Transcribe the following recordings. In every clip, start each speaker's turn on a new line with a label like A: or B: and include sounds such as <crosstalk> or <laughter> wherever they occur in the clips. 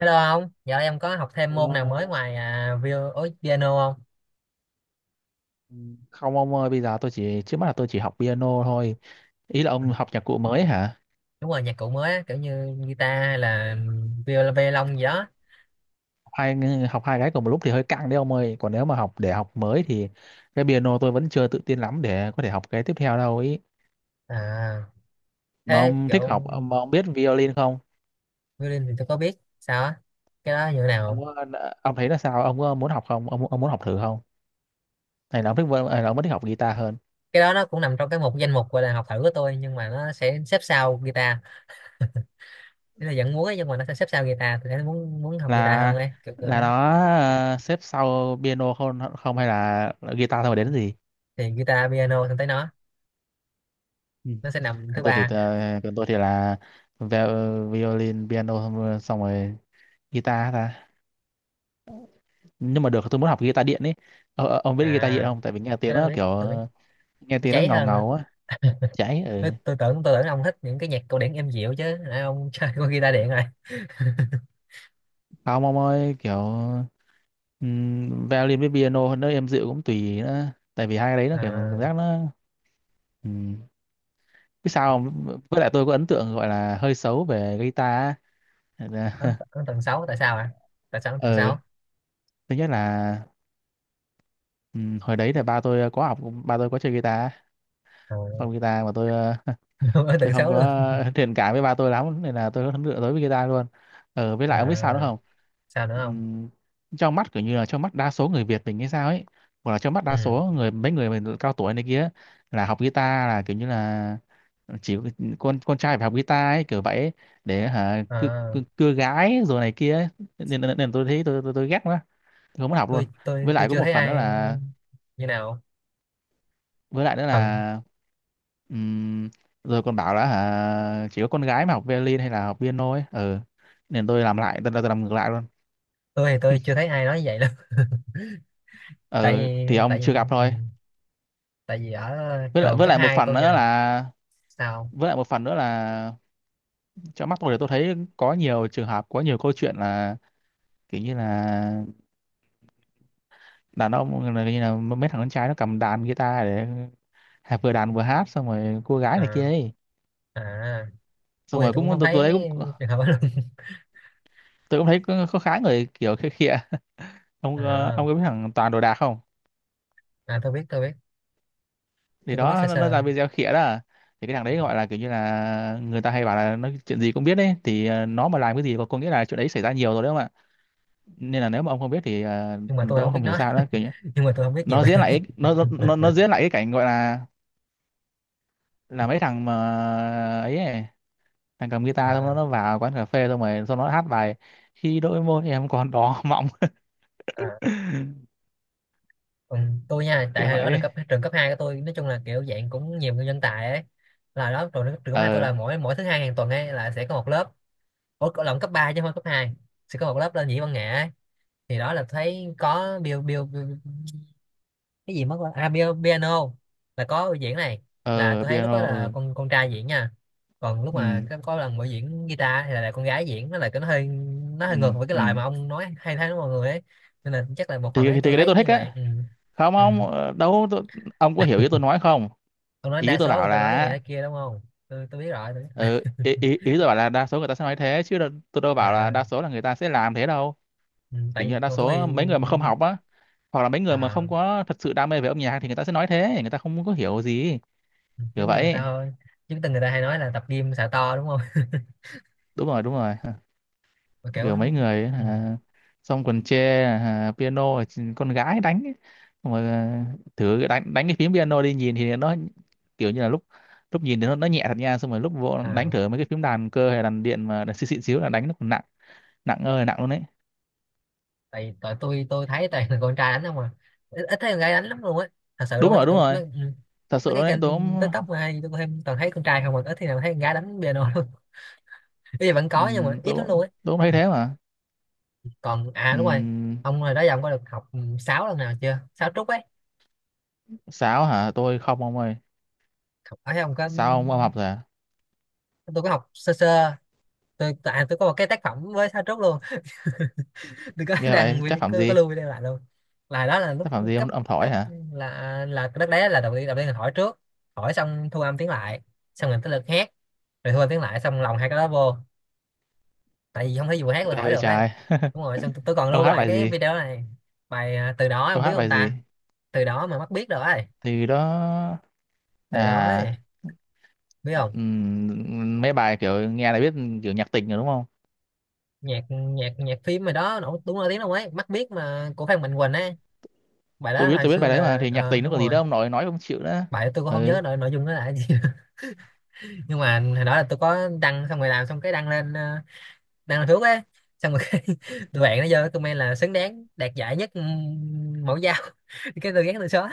A: Hello ông, giờ em có học thêm môn nào mới
B: Hello.
A: ngoài ối, piano không?
B: Ừ, không ông ơi, bây giờ tôi chỉ trước mắt là tôi chỉ học piano thôi. Ý là
A: À,
B: ông học nhạc cụ mới hả?
A: đúng rồi, nhạc cụ mới á, kiểu như guitar hay là violon gì đó.
B: Hai học hai cái cùng một lúc thì hơi căng đấy ông ơi. Còn nếu mà học để học mới thì cái piano tôi vẫn chưa tự tin lắm để có thể học cái tiếp theo đâu ý.
A: À,
B: Mà
A: thế
B: ông thích
A: kiểu
B: học, mà ông biết violin không?
A: violin thì tôi có biết, sao á? Cái đó như thế nào
B: Ông
A: không?
B: có- ông thấy là sao? Ông có muốn học không? Ông muốn học thử không? Hay là ông thích hay là ông vẫn thích học guitar hơn?
A: Cái đó nó cũng nằm trong cái danh mục gọi là học thử của tôi nhưng mà nó sẽ xếp sau guitar. Thế là vẫn muốn ấy, nhưng mà nó sẽ xếp sau guitar, tôi thấy muốn muốn học guitar
B: Là
A: hơn ấy, kiểu kiểu đó.
B: là nó xếp sau piano không không hay là guitar thôi mà đến gì?
A: Thì guitar, piano xong tới nó sẽ nằm thứ ba.
B: Còn tôi thì là violin, piano xong rồi guitar ta. Nhưng mà được tôi muốn học guitar điện ấy. Ông biết
A: À,
B: guitar điện không? Tại vì nghe tiếng
A: cái đó tôi
B: nó
A: biết,
B: kiểu
A: tôi biết.
B: nghe
A: Nó
B: tiếng nó
A: cháy
B: ngầu
A: hơn.
B: ngầu á, cháy
A: Tôi,
B: ừ.
A: tôi tưởng tôi tưởng ông thích những cái nhạc cổ điển êm dịu chứ nãy ông <laughs> chơi con guitar điện rồi. <laughs>
B: Không ông ơi, kiểu violin với piano nó êm dịu cũng tùy nữa. Tại vì hai cái đấy nó kiểu cảm
A: à,
B: giác nó ừm. Biết sao không? Với lại tôi có ấn tượng gọi là hơi xấu về guitar. Á.
A: ấn,
B: <laughs>
A: ấn <laughs> tần xấu, Tại sao ấn tầng
B: Ừ,
A: sáu?
B: thứ nhất là hồi đấy là ba tôi có học, ba tôi có chơi guitar,
A: à,
B: phòng guitar mà tôi
A: <laughs> Ấn
B: tôi
A: tần
B: không
A: xấu luôn.
B: có <laughs> thiện cảm với ba tôi lắm nên là tôi lựa tới với guitar luôn. Ờ, với
A: à,
B: lại ông biết sao nữa không?
A: sao nữa không?
B: Ừm, Trong mắt kiểu như là trong mắt đa số người Việt mình hay sao ấy, hoặc là trong mắt
A: Ừ.
B: đa số người mấy người mình cao tuổi này kia là học guitar là kiểu như là chỉ con trai phải học guitar ấy kiểu vậy ấy, để hả cưa,
A: à,
B: cưa, cưa gái rồi này kia ấy. Nên tôi thấy tôi ghét quá, tôi không muốn học luôn.
A: tôi
B: Với
A: tôi tôi
B: lại có
A: chưa
B: một
A: thấy
B: phần nữa
A: ai
B: là
A: như nào.
B: với lại nữa
A: Phần
B: là ừm, rồi còn bảo là hả, chỉ có con gái mà học violin hay là học piano ấy ừ, nên tôi làm ngược lại luôn.
A: tôi thì tôi chưa
B: <laughs>
A: thấy ai nói như vậy đâu. <laughs> tại
B: Ừ
A: vì
B: thì
A: tại
B: ông
A: vì
B: chưa gặp thôi,
A: tại vì ở
B: với lại
A: trường
B: với
A: cấp
B: lại một
A: 2
B: phần
A: tôi
B: nữa
A: nha.
B: là
A: Sao?
B: với lại một phần nữa là trong mắt tôi thì tôi thấy có nhiều trường hợp có nhiều câu chuyện là kiểu như là đàn ông là như là mấy thằng con trai nó cầm đàn guitar để vừa đàn vừa hát xong rồi cô gái này kia
A: à,
B: ấy,
A: à
B: xong
A: tôi thì
B: rồi
A: tôi cũng
B: cũng
A: không
B: tôi
A: thấy
B: thấy cũng
A: trường hợp đó luôn.
B: tôi cũng thấy có khá người kiểu khịa khịa. Ông
A: à,
B: ông có biết thằng Toàn đồ đạc không?
A: à tôi biết, tôi biết.
B: Thì
A: Tôi có biết
B: đó
A: sơ
B: nó
A: sơ,
B: ra video khỉa đó à. Thì cái thằng đấy gọi là kiểu như là người ta hay bảo là nó chuyện gì cũng biết đấy thì nó mà làm cái gì có nghĩa là chuyện đấy xảy ra nhiều rồi đấy không ạ. Nên là nếu mà ông không biết thì
A: nhưng mà tôi
B: tôi
A: không
B: cũng
A: biết
B: không hiểu
A: nó
B: sao đó kiểu như
A: nhưng mà tôi không biết nhiều về nó.
B: nó
A: <laughs>
B: diễn lại cái cảnh gọi là mấy thằng mà ấy thằng cầm guitar xong nó
A: à,
B: nó vào quán cà phê xong rồi xong nó hát bài khi đôi môi em còn đỏ mọng. <laughs>
A: à, còn tôi nha, tại
B: Kiểu
A: hồi đó
B: vậy.
A: trường cấp hai của tôi nói chung là kiểu dạng cũng nhiều người nhân tài ấy. Là đó trường cấp hai tôi
B: Ờ
A: là mỗi mỗi thứ hai hàng tuần ấy là sẽ có một lớp. Ủa cậu lộn cấp 3 chứ không phải cấp hai. Sẽ có một lớp lên nhĩ văn nghệ ấy. Thì đó là thấy có Bill Bill, Bill cái gì mất rồi, piano là có diễn này, là
B: ờ,
A: tôi thấy lúc đó
B: piano,
A: là
B: ờ.
A: con trai diễn nha. Còn lúc
B: Ừ.
A: mà có lần buổi diễn guitar thì là con gái diễn, nó là cái nó hơi, nó
B: Ừ.
A: hơi ngược với cái
B: Ừ
A: lời mà ông nói hay thấy đó mọi người ấy. Nên là chắc là một phần ấy
B: thì
A: tôi
B: cái đấy
A: thấy
B: tôi thích
A: như vậy.
B: á.
A: Ừ.
B: Không
A: Ừ.
B: không, đâu tôi, ông có hiểu ý tôi nói không?
A: Ông nói
B: Ý
A: đa
B: tôi
A: số người
B: bảo
A: ta nói vậy
B: là
A: nói kia đúng không? Tôi biết rồi, tôi biết rồi.
B: ừ, ý, ý ý tôi bảo là đa số người ta sẽ nói thế chứ tôi đâu bảo là
A: À.
B: đa số là người ta sẽ làm thế đâu.
A: Ừ. Tại
B: Kiểu như là
A: vì
B: đa
A: còn
B: số
A: tôi.
B: mấy người mà không học á, hoặc là mấy người mà
A: à,
B: không có thật sự đam mê về âm nhạc thì người ta sẽ nói thế, người ta không có hiểu gì.
A: ừ,
B: Kiểu
A: giống như người ta
B: vậy.
A: thôi, chứ từng người ta hay nói là tập gym xả to đúng không?
B: Đúng rồi, đúng rồi.
A: <laughs> Mà kiểu.
B: Kiểu mấy người ấy,
A: Ừ.
B: à, xong còn chê à, piano là con gái đánh ấy. Xong rồi à, thử đánh đánh cái phím piano đi nhìn thì nó kiểu như là lúc lúc nhìn thì nó nhẹ thật nha, xong rồi lúc vô đánh
A: à
B: thử mấy cái phím đàn cơ hay đàn điện mà đàn xịn xịn xíu là đánh nó còn nặng, nặng ơi là nặng luôn đấy.
A: tại tại tôi thấy toàn là con trai đánh không à. Ít thấy con gái đánh lắm luôn á, thật sự
B: Đúng
A: luôn á,
B: rồi, đúng
A: tụi
B: rồi,
A: mấy, ừ.
B: thật sự
A: Mấy
B: luôn
A: cái
B: đấy.
A: kênh TikTok mà hay tôi thêm toàn thấy con trai không à, ít thì nào thấy con gái đánh piano luôn. <laughs> Bây giờ vẫn có nhưng mà ít lắm luôn á.
B: Tôi cũng thấy
A: Ừ.
B: thế mà.
A: Còn đúng rồi,
B: Ừm,
A: ông hồi đó giờ ông có được học 6 lần nào chưa, sáu trúc ấy?
B: sáo hả, tôi không ông ơi.
A: Học ở đây ông có?
B: Sao, ông học rồi à?
A: Tôi có học sơ sơ. Tại tôi có một cái tác phẩm với sáu trúc luôn. Tôi có <laughs>
B: Nghe vậy,
A: đăng
B: tác
A: video,
B: phẩm
A: có
B: gì?
A: lưu video lại luôn. Là đó là lúc
B: Tác phẩm gì,
A: cấp,
B: ông thổi
A: cấp.
B: hả?
A: Là cái đất đá, là đầu tiên là hỏi trước, hỏi xong thu âm tiếng lại, xong rồi tới lượt hát, rồi thu âm tiếng lại xong lòng hai cái đó vô. Tại vì không thể vừa hát vừa
B: Nghe
A: hỏi
B: vậy
A: được ấy.
B: trời.
A: Đúng rồi, xong tôi còn
B: Ông
A: lưu
B: hát
A: lại
B: bài
A: cái
B: gì?
A: video này. Bài từ đó không
B: Ông
A: biết
B: hát
A: không
B: bài gì?
A: ta? Từ đó mà mắt biết rồi ấy.
B: Thì đó.
A: Từ đó
B: À,
A: ấy, biết không?
B: mấy bài kiểu nghe là biết, kiểu nhạc tình rồi đúng không?
A: Nhạc nhạc nhạc phim mà đó nổi, đúng nổi tiếng đâu ấy, mắt biết mà của Phan Mạnh Quỳnh ấy. Bài
B: Tôi
A: đó
B: biết,
A: hồi
B: tôi biết
A: xưa
B: bài đấy mà
A: là
B: thì nhạc tình nó
A: đúng
B: còn gì
A: rồi.
B: đâu ông nội nói không chịu nữa.
A: Bài đó tôi cũng không
B: Ừ.
A: nhớ nội nội dung nó là cái gì. Nhưng mà hồi đó là tôi có đăng, xong rồi làm xong cái đăng lên, đăng lên thuốc ấy. Xong rồi cái <laughs> tụi bạn nó vô cái comment là xứng đáng đạt giải nhất mẫu dao. <laughs> Cái tôi ghét tôi xóa.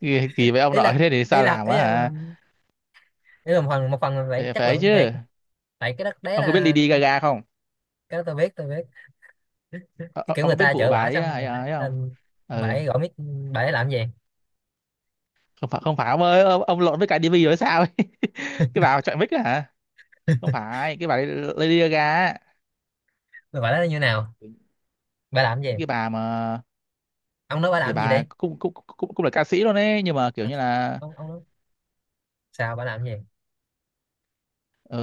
B: Kỳ, kỳ vậy ông
A: ý
B: nội.
A: là
B: <laughs> Thế thì
A: ý
B: sao
A: là
B: làm
A: ý
B: á hả?
A: là, ý là một phần là phải
B: Thế
A: chất
B: phải ấy
A: lượng thiệt.
B: chứ.
A: Tại cái đất đấy
B: Ông có biết
A: là.
B: Lady Gaga không?
A: Cái đó tôi biết, tôi biết. Cái
B: Ờ,
A: kiểu
B: ông
A: người
B: có biết
A: ta
B: vụ
A: chở
B: bà
A: bả
B: đấy
A: xong bả
B: ấy không?
A: lên, bả
B: Ừ,
A: ấy gọi mic, bả ấy làm gì.
B: không phải, không phải ông ơi, ông lộn với cái Divi rồi sao ấy? <laughs> Cái bà chọn mic á hả? Không
A: <laughs>
B: phải cái bà đấy. Lady Gaga á.
A: Bả nói như nào, bả làm gì?
B: Cái bà mà
A: Ông nói bả
B: thì
A: làm gì đi.
B: bà cũng cũng là ca sĩ luôn ấy nhưng mà kiểu
A: Ờ,
B: như là
A: ông nói sao, bả làm gì?
B: Ờ,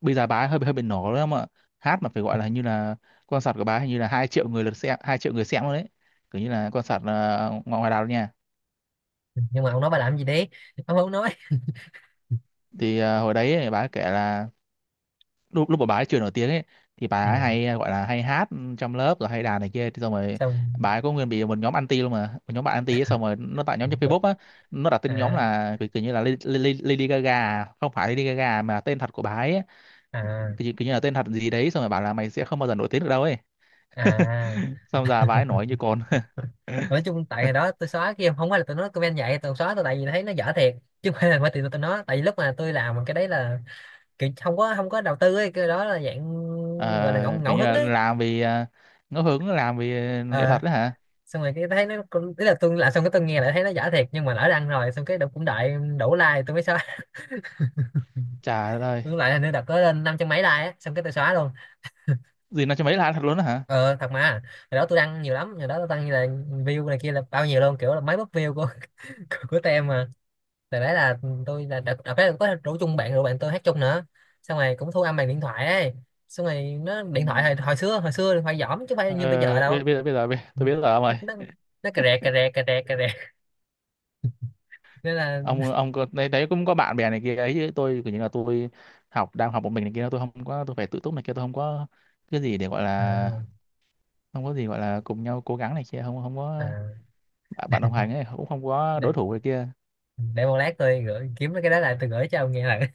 B: bây giờ bà ấy hơi hơi bị nổ lắm ạ. Hát mà phải gọi là hình như là concert của bà ấy hình như là 2 triệu người lượt xem, 2 triệu người xem luôn đấy. Kiểu như là concert ngoài ngoài đảo nha.
A: Nhưng mà ông nói bả làm gì đi, ông không nói.
B: Thì ờ, hồi đấy ấy, bà ấy kể là lúc lúc mà bà ấy chưa nổi tiếng ấy thì bà ấy
A: Ừ.
B: hay gọi là hay hát trong lớp rồi hay đàn này kia thì xong rồi bà
A: Xong.
B: ấy có nguyên bị một nhóm anti luôn mà, một nhóm bạn anti ấy, xong rồi nó tạo nhóm trên Facebook á, nó đặt tên nhóm
A: à
B: là kiểu kiểu như là Lady, Lady Lady Gaga, à, không phải Lady Gaga à, mà là tên thật của bà ấy.
A: à
B: Kiểu, kiểu như là tên thật gì đấy xong rồi bảo là mày sẽ không bao giờ nổi tiếng được đâu ấy.
A: à
B: Xong giờ bà ấy nổi như con.
A: nói chung tại hồi đó tôi xóa kia không phải là tôi nói comment vậy tôi xóa, tôi tại vì thấy nó dở thiệt, chứ không phải là bởi vì tôi nói, tại vì lúc mà tôi làm cái đấy là kiểu không có đầu tư ấy, cái đó là dạng gọi là ngẫu
B: Ờ, kiểu
A: ngẫu
B: như
A: hứng
B: là
A: ấy.
B: làm vì ngẫu hứng làm vì nghệ
A: ờ
B: thuật đấy hả.
A: xong rồi cái thấy nó ý là tôi làm xong cái tôi nghe lại thấy nó dở thiệt, nhưng mà lỡ đăng rồi xong cái cũng đợi đủ like tôi mới xóa. <laughs>
B: Trời ơi.
A: Tôi lại là nó đợt có lên năm trăm mấy like á, xong cái tôi xóa luôn.
B: Gì nó cho mấy là ăn thật luôn đó hả?
A: Ờ thật mà, hồi đó tôi đăng nhiều lắm, hồi đó tôi đăng như là view này kia là bao nhiêu luôn, kiểu là mấy bắp view của <laughs> của tem mà. Tại đấy là tôi là đợt đợt đấy có rủ chung bạn rồi bạn tôi hát chung nữa, xong rồi cũng thu âm bằng điện thoại ấy, xong rồi nó
B: Ừ.
A: điện thoại hồi xưa, hồi xưa điện thoại giỏm chứ không phải
B: Ờ,
A: như bây giờ đâu.
B: bây, bây giờ bây giờ bây-
A: Ừ.
B: tôi biết rồi ông
A: nó
B: ơi.
A: nó nó cà rè cà rè cà rè cà rè. <laughs> Nên là,
B: Ông có, đấy, đấy cũng có bạn bè này kia ấy chứ tôi kiểu như là tôi học đang học một mình này kia tôi không có tôi phải tự túc này kia tôi không có cái gì để gọi
A: à,
B: là không có gì gọi là cùng nhau cố gắng này kia không không
A: à,
B: có bạn bạn đồng hành ấy cũng không có đối
A: để,
B: thủ này kia.
A: để một lát tôi gửi kiếm cái đó lại, tôi gửi cho ông nghe lại.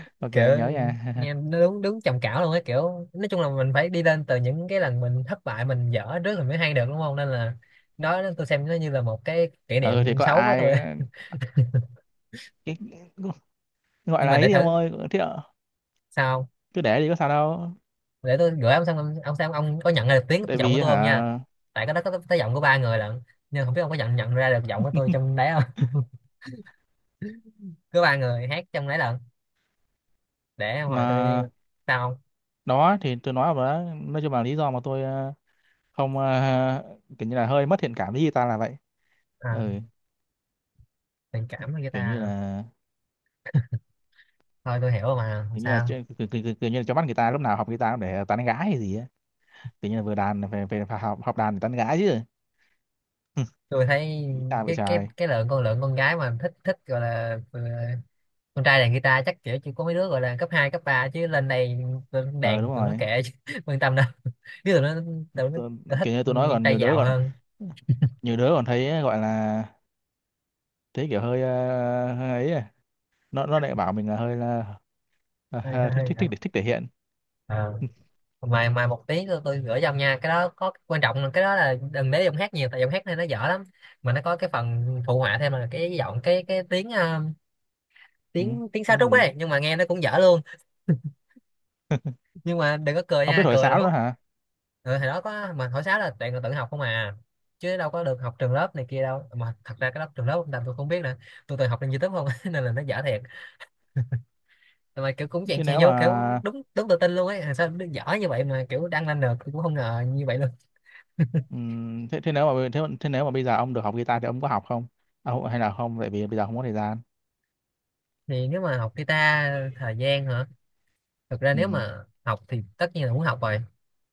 A: <laughs>
B: Ok
A: Kiểu
B: nhớ nha.
A: nghe
B: <laughs>
A: nó đúng đúng trầm cảm luôn á, kiểu nói chung là mình phải đi lên từ những cái lần mình thất bại mình dở trước mình mới hay được đúng không, nên là đó tôi xem nó như là một cái kỷ
B: Ừ thì
A: niệm
B: có
A: xấu của
B: ai
A: tôi. <laughs>
B: cái gọi
A: Nhưng
B: là
A: mà
B: ấy
A: để
B: đi ông
A: thử,
B: ơi thế ạ,
A: sao không?
B: cứ để đi có sao đâu.
A: Để tôi gửi ông xem, xem ông có nhận ra được tiếng
B: Tại
A: giọng của
B: vì
A: tôi không nha.
B: hả.
A: Tại cái đó có tới giọng của 3 người lận, nhưng không biết ông có nhận nhận ra được giọng của tôi trong đấy không. <laughs> Cứ 3 người hát trong đấy lận, để hồi tôi.
B: Mà
A: Sao không?
B: đó thì tôi nói mà đó, nói chung là lý do mà tôi không <laughs> kiểu như là hơi mất thiện cảm với guitar là vậy.
A: à,
B: Ừ.
A: tình cảm với người
B: Kiểu như
A: ta.
B: là
A: Thôi tôi hiểu rồi mà, không
B: kiểu như là
A: sao.
B: kiểu như là cho bắt người ta lúc nào học guitar cũng để tán gái hay gì á. Kiểu như là vừa đàn về về phải học học đàn để tán gái chứ.
A: Tôi thấy
B: Guitar vậy
A: cái cái
B: trời.
A: cái lượng con gái mà thích thích gọi là, con trai đàn guitar chắc kiểu chỉ có mấy đứa gọi là cấp 2 cấp ba, chứ lên đây tụi nó
B: Ờ đúng
A: đàn tụi nó
B: rồi,
A: kệ chứ, <laughs> quan tâm đâu, <laughs> chứ tụi nó, tụi
B: tôi,
A: nó thích
B: kiểu như tôi nói còn
A: tay
B: nhiều đứa
A: giàu
B: còn
A: hơn.
B: nhiều đứa còn thấy gọi là thấy kiểu hơi, ờ, hơi ấy à. Nó lại bảo mình là hơi là
A: Hơi
B: ờ,
A: hơi
B: thích thích
A: hơi-
B: thích thích thể hiện.
A: ờ. Mà một tí tôi gửi cho ông nha, cái đó có quan trọng là cái đó là đừng để giọng hát nhiều tại giọng hát này nó dở lắm, mà nó có cái phần phụ họa thêm là cái giọng, cái tiếng, ờ,
B: ừ,
A: tiếng tiếng sáo
B: cái
A: trúc
B: gì,
A: ấy nhưng mà nghe nó cũng dở luôn. Nhưng mà đừng có cười
B: ông biết
A: nha,
B: thổi
A: cười là
B: sáo nữa
A: mốt.
B: hả?
A: Ừ, hồi đó có mà hồi sáo là toàn là tự học không à, chứ đâu có được học trường lớp này kia đâu mà, thật ra cái lớp trường lớp ông Tâm tôi không biết nữa, tôi toàn học trên YouTube không. <laughs> Nên là nó dở thiệt, mà kiểu cũng chèn
B: Thế
A: chèn
B: nếu
A: vô kiểu
B: mà
A: đúng đúng tự tin luôn ấy, sao nó dở như vậy mà kiểu đăng lên được tôi cũng không ngờ như vậy luôn.
B: thế thế nếu mà thế, thế nếu mà bây giờ ông được học guitar thì ông có học không? À, không- hay là không tại vì bây giờ không có thời gian.
A: Thì nếu mà học guitar thời gian hả? Thực ra nếu
B: Ừm.
A: mà học thì tất nhiên là muốn học rồi.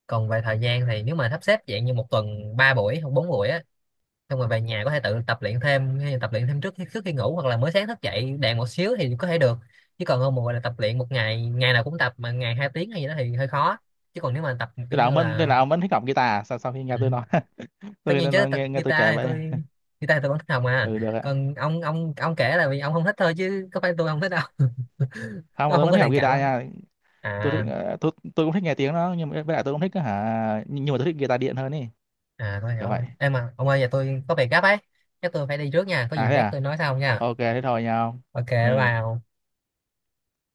A: Còn về thời gian thì nếu mà sắp xếp dạng như một tuần 3 buổi hoặc 4 buổi á, xong rồi về nhà có thể tự tập luyện thêm hay là tập luyện thêm trước khi ngủ hoặc là mới sáng thức dậy đèn một xíu thì có thể được, chứ còn không mà gọi là tập luyện một ngày, ngày nào cũng tập mà ngày 2 tiếng hay gì đó thì hơi khó, chứ còn nếu mà tập kiểu như
B: Thế
A: là.
B: là ông vẫn thích học guitar à? Sau Sau khi nghe
A: Ừ.
B: tôi nói. <laughs>
A: Tất
B: tôi nghe,
A: nhiên
B: tôi
A: chứ,
B: nói-
A: tập
B: nghe, Nghe tôi kể
A: guitar thì
B: vậy.
A: tôi, guitar thì tôi vẫn thích học mà.
B: Ừ được ạ.
A: Còn ông, ông kể là vì ông không thích thôi chứ có phải tôi không thích đâu. <laughs>
B: Không mà
A: Ông
B: tôi
A: không
B: vẫn
A: có
B: thích học
A: thiện cảm
B: guitar
A: không?
B: nha. Tôi thích
A: à
B: ờ, tôi cũng thích nghe tiếng nó nhưng mà với lại tôi cũng thích hả nhưng mà tôi thích guitar điện hơn ý.
A: tôi hiểu
B: Kiểu vậy.
A: rồi em, mà ông ơi giờ tôi có việc gấp ấy, chắc tôi phải đi trước nha, có
B: À
A: gì
B: thế
A: lát
B: à.
A: tôi nói sau nha.
B: Ok thế thôi nha ông.
A: Ok
B: Ừ.
A: vào.